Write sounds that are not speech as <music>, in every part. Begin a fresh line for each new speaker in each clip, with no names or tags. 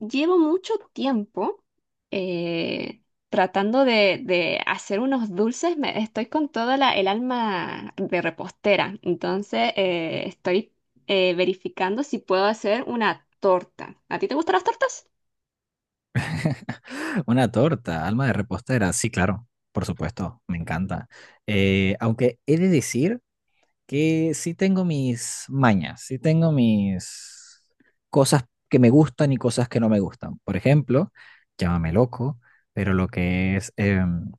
Llevo mucho tiempo eh, tratando de hacer unos dulces. Estoy con toda el alma de repostera. Entonces, estoy verificando si puedo hacer una torta. ¿A ti te gustan las tortas?
Una torta, alma de repostera, sí, claro, por supuesto, me encanta. Aunque he de decir que sí tengo mis mañas, sí tengo mis cosas que me gustan y cosas que no me gustan. Por ejemplo, llámame loco, pero lo que es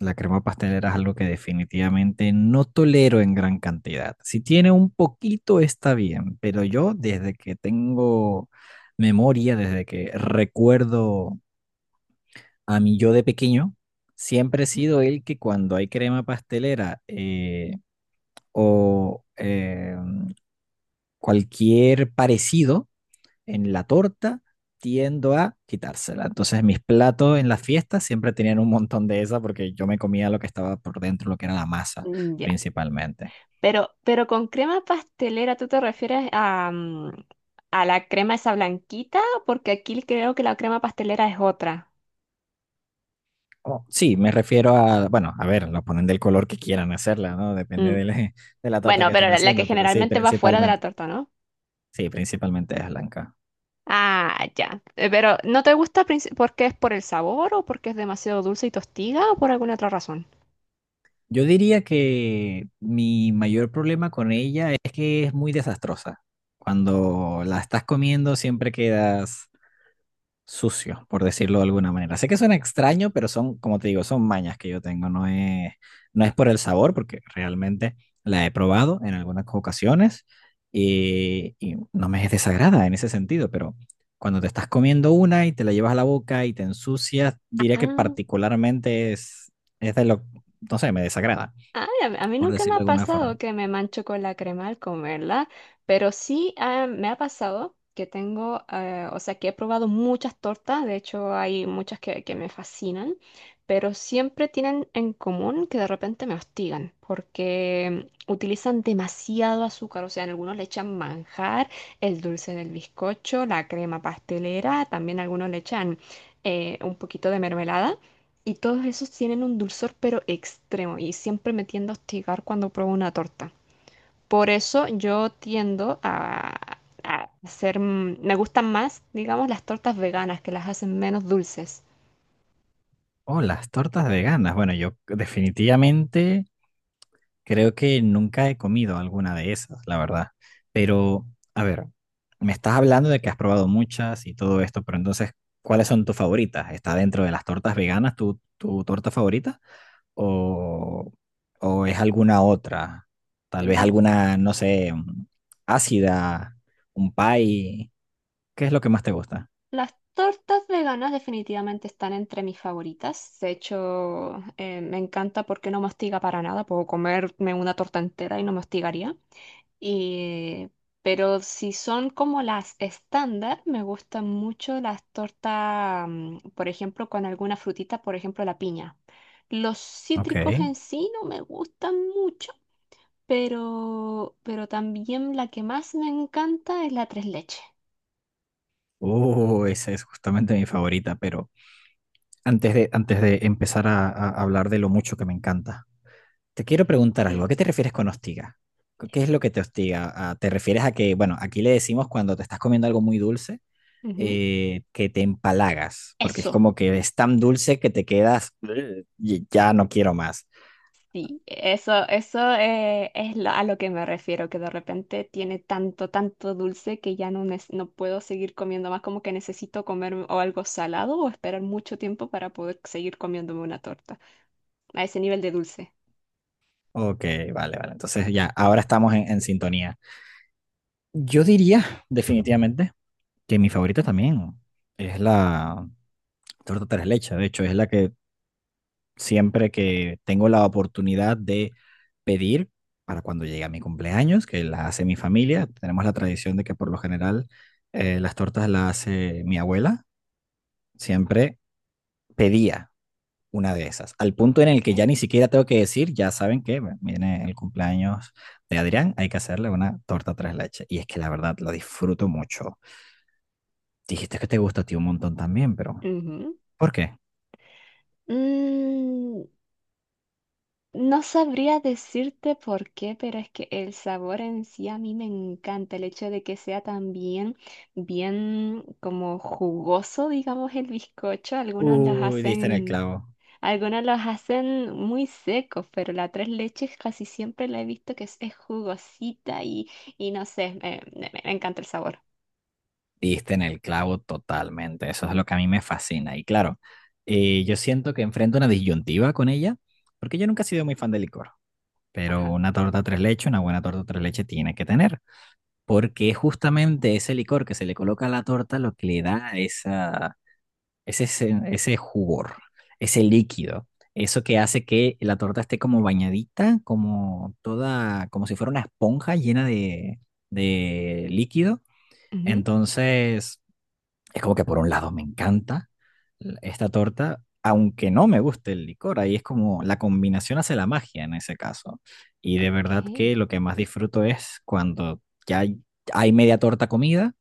la crema pastelera es algo que definitivamente no tolero en gran cantidad. Si tiene un poquito está bien, pero yo desde que tengo memoria, desde que recuerdo, a mí yo de pequeño siempre he sido el que cuando hay crema pastelera o cualquier parecido en la torta, tiendo a quitársela. Entonces mis platos en las fiestas siempre tenían un montón de esa porque yo me comía lo que estaba por dentro, lo que era la masa
Mm, ya.
principalmente.
Pero con crema pastelera, ¿tú te refieres a, a la crema esa blanquita? Porque aquí creo que la crema pastelera es otra.
Oh sí, me refiero a, bueno, a ver, lo ponen del color que quieran hacerla, ¿no? Depende
Mm.
de la, <laughs> de la torta
Bueno,
que
pero
estén
la que
haciendo, pero
generalmente va fuera de la torta, ¿no?
sí, principalmente es blanca.
Ah, ya. Pero ¿no te gusta porque es por el sabor o porque es demasiado dulce y tostiga o por alguna otra razón?
Yo diría que mi mayor problema con ella es que es muy desastrosa. Cuando la estás comiendo siempre quedas sucio, por decirlo de alguna manera. Sé que suena extraño, pero son, como te digo, son mañas que yo tengo. No es por el sabor, porque realmente la he probado en algunas ocasiones y no me es desagrada en ese sentido, pero cuando te estás comiendo una y te la llevas a la boca y te ensucias, diría que particularmente es de lo, no sé, me desagrada
Ay, a mí
por
nunca me
decirlo de
ha
alguna
pasado
forma.
que me mancho con la crema al comerla, pero sí me ha pasado que tengo, o sea, que he probado muchas tortas, de hecho hay muchas que me fascinan, pero siempre tienen en común que de repente me hostigan porque utilizan demasiado azúcar, o sea, en algunos le echan manjar, el dulce del bizcocho, la crema pastelera, también algunos le echan un poquito de mermelada. Y todos esos tienen un dulzor pero extremo y siempre me tiendo a hostigar cuando pruebo una torta. Por eso yo tiendo a hacer, mm, me gustan más, digamos, las tortas veganas que las hacen menos dulces.
Oh, las tortas veganas. Bueno, yo definitivamente creo que nunca he comido alguna de esas, la verdad. Pero, a ver, me estás hablando de que has probado muchas y todo esto, pero entonces, ¿cuáles son tus favoritas? ¿Está dentro de las tortas veganas tu torta favorita? ¿O, o es alguna otra? Tal vez
Las,
alguna, no sé, ácida, un pie. ¿Qué es lo que más te gusta?
las tortas veganas definitivamente están entre mis favoritas. De hecho, me encanta porque no me hostiga para nada. Puedo comerme una torta entera y no me hostigaría. Y, pero si son como las estándar, me gustan mucho las tortas, mm, por ejemplo, con alguna frutita, por ejemplo, la piña. Los cítricos
Ok.
en sí no me gustan mucho, pero también la que más me encanta es la tres leches.
Esa es justamente mi favorita, pero antes de empezar a hablar de lo mucho que me encanta, te quiero preguntar algo. ¿A qué te
<laughs>
refieres con hostiga? ¿Qué es lo que te hostiga? ¿A- ¿Te refieres a que, bueno, aquí le decimos cuando te estás comiendo algo muy dulce,
Ujú.
que te empalagas, porque es
Eso.
como que es tan dulce que te quedas, "Y- ya no quiero más."
Sí, eso es a lo que me refiero, que de repente tiene tanto, tanto dulce que ya no, no puedo seguir comiendo más, como que necesito comer o algo salado o esperar mucho tiempo para poder seguir comiéndome una torta, a ese nivel de dulce.
Ok, vale, vale. Entonces ya, ahora estamos en sintonía. Yo diría definitivamente que mi favorita también es la torta tres leche. De hecho, es la que siempre que tengo la oportunidad de pedir para cuando llegue a mi cumpleaños, que la hace mi familia. Tenemos la tradición de que por lo general las tortas las hace mi abuela. Siempre pedía una de esas, al punto en el que
Okay.
ya ni siquiera tengo que decir, ya saben que bueno, viene el cumpleaños de Adrián, hay que hacerle una torta tres leches. Y es que la verdad lo disfruto mucho. Dijiste que te gusta a ti un montón también, pero
Ujú.
¿por qué?
Mm, no sabría decirte por qué, pero es que el sabor en sí a mí me encanta. El hecho de que sea también bien como jugoso, digamos, el bizcocho. Algunos las
Uy, diste en el
hacen.
clavo.
Algunos los hacen muy secos, pero la tres leches casi siempre la he visto que es jugosita y no sé, me encanta el sabor.
Diste en el clavo totalmente, eso es lo que a mí me fascina. Y claro, yo siento que enfrento una disyuntiva con ella, porque yo nunca he sido muy fan del licor, pero
Ajá.
una torta tres leches, una buena torta tres leches tiene que tener, porque es justamente ese licor que se le coloca a la torta lo que le da esa, ese jugor, ese líquido, eso que hace que la torta esté como bañadita, como toda, como si fuera una esponja llena de líquido.
Ujú.
Entonces, es como que por un lado me encanta esta torta, aunque no me guste el licor, ahí es como la combinación hace la magia en ese caso. Y de
Ok.
verdad que lo que más disfruto es cuando ya hay, hay media torta comida,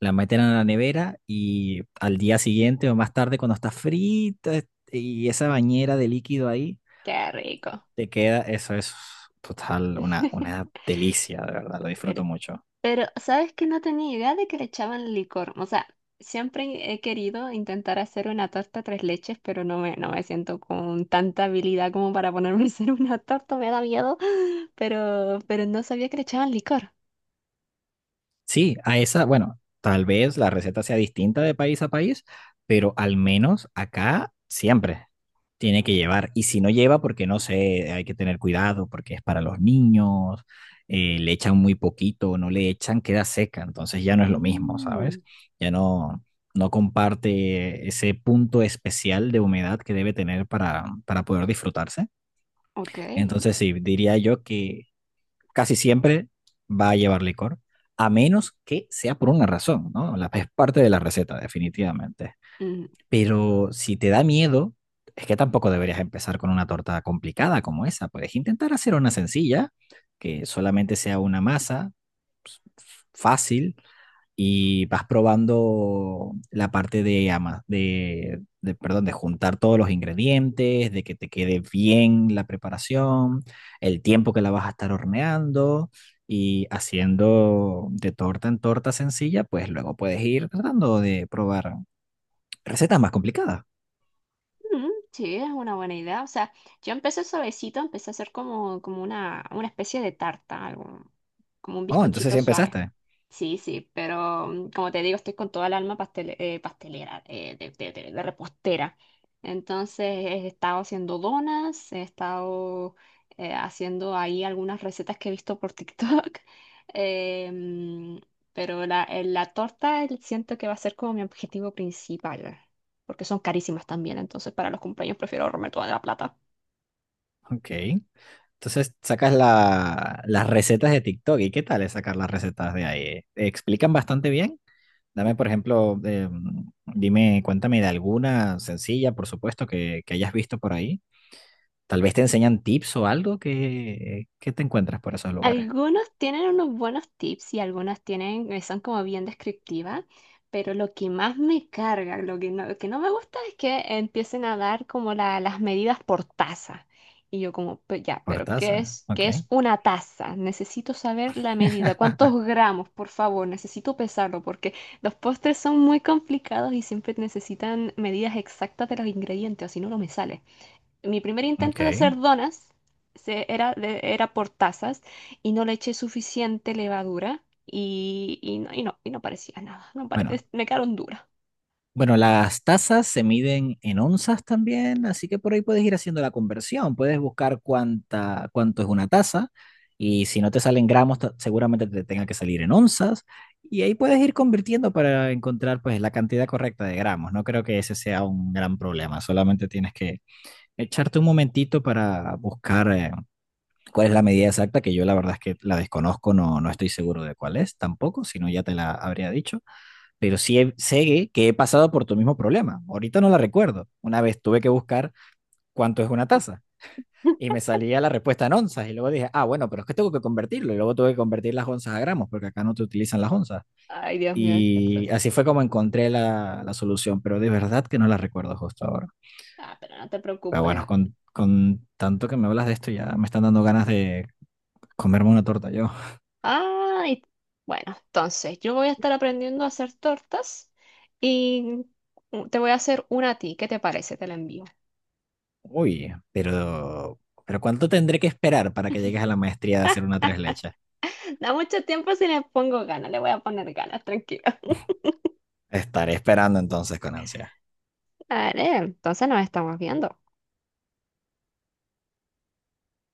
la meten a la nevera y al día siguiente o más tarde cuando está frita y esa bañera de líquido ahí,
Qué rico.
te queda, eso es total, una
<laughs>
delicia, de verdad, lo
Pero,
disfruto mucho.
pero, ¿sabes que no tenía idea de que le echaban licor? O sea, siempre he querido intentar hacer una torta tres leches, pero no me siento con tanta habilidad como para ponerme a hacer una torta, me da miedo. Pero no sabía que le echaban licor.
Sí, a esa, bueno, tal vez la receta sea distinta de país a país, pero al menos acá siempre tiene que llevar. Y si no lleva, porque no sé, hay que tener cuidado, porque es para los niños, le echan muy poquito, o no le echan, queda seca, entonces ya no es lo mismo, ¿sabes?
Mm,
Ya no, no comparte ese punto especial de humedad que debe tener para poder disfrutarse.
ok.
Entonces sí, diría yo que casi siempre va a llevar licor, a menos que sea por una razón, ¿no? La, es parte de la receta, definitivamente. Pero si te da miedo, es que tampoco deberías empezar con una torta complicada como esa. Puedes intentar hacer una sencilla, que solamente sea una masa pues, fácil, y vas probando la parte de, ama- perdón, de juntar todos los ingredientes, de que te quede bien la preparación, el tiempo que la vas a estar horneando y haciendo de torta en torta sencilla, pues luego puedes ir tratando de probar recetas más complicadas.
Mm, sí, es una buena idea. O sea, yo empecé suavecito, empecé a hacer como, una especie de tarta, algo, como un
Oh, entonces
bizcochito
ya
suave.
empezaste.
Sí, sí, pero mm, como te digo, estoy con toda el alma pastelera, de repostera. Entonces he estado haciendo donas, he estado haciendo ahí algunas recetas que he visto por TikTok, <laughs> eh, mm, pero la torta siento que va a ser como mi objetivo principal, porque son carísimas también, entonces para los cumpleaños prefiero ahorrarme toda la plata.
Ok. Entonces sacas la- las recetas de TikTok. ¿Y qué tal es sacar las recetas de ahí? ¿Explican bastante bien? Dame, por ejemplo, dime, cuéntame de alguna sencilla, por supuesto, que hayas visto por ahí. Tal vez te enseñan tips o algo que te encuentras por esos lugares.
Algunos tienen unos buenos tips y algunas tienen, son como bien descriptivas, pero lo que más me carga, lo que no me gusta es que empiecen a dar como las medidas por taza. Y yo como, ya, pero
Hortaza, ok,
qué es una taza? Necesito saber la medida, cuántos gramos, por favor, necesito pesarlo porque los postres son muy complicados y siempre necesitan medidas exactas de los ingredientes, o si no, no me sale. Mi primer intento de hacer
ok.
donas era por tazas y no le eché suficiente levadura y, y no parecía nada. No pare-
Bueno,
es- Me quedaron duras.
Bueno, las tasas se miden en onzas también, así que por ahí puedes ir haciendo la conversión. Puedes buscar cuánta, cuánto es una taza y si no te salen gramos, ta- seguramente te tenga que salir en onzas. Y ahí puedes ir convirtiendo para encontrar pues la cantidad correcta de gramos. No creo que ese sea un gran problema. Solamente tienes que echarte un momentito para buscar cuál es la medida exacta, que yo la verdad es que la desconozco, no, no estoy seguro de cuál es tampoco, si no ya te la habría dicho, pero sí he- sé que he pasado por tu mismo problema. Ahorita no la recuerdo. Una vez tuve que buscar cuánto es una taza y
<laughs>
me salía la respuesta en onzas y luego dije, ah, bueno, pero es que tengo que convertirlo y luego tuve que convertir las onzas a gramos porque acá no te utilizan las onzas.
Ay, Dios mío, qué
Y
atroz.
así fue como encontré la, la solución, pero de verdad que no la recuerdo justo ahora.
Ah, pero no te
Pero bueno,
preocupes.
con tanto que me hablas de esto ya me están dando ganas de comerme una torta yo.
Ay, bueno, entonces yo voy a estar aprendiendo a hacer tortas y te voy a hacer una a ti. ¿Qué te parece? Te la envío.
Uy, pero... ¿Pero cuánto tendré que esperar para que llegues a la maestría de hacer una tres leches?
<laughs> Da mucho tiempo si le pongo ganas, le voy a poner ganas, tranquilo. <laughs>
Estaré esperando entonces con ansia.
Vale, entonces nos estamos viendo.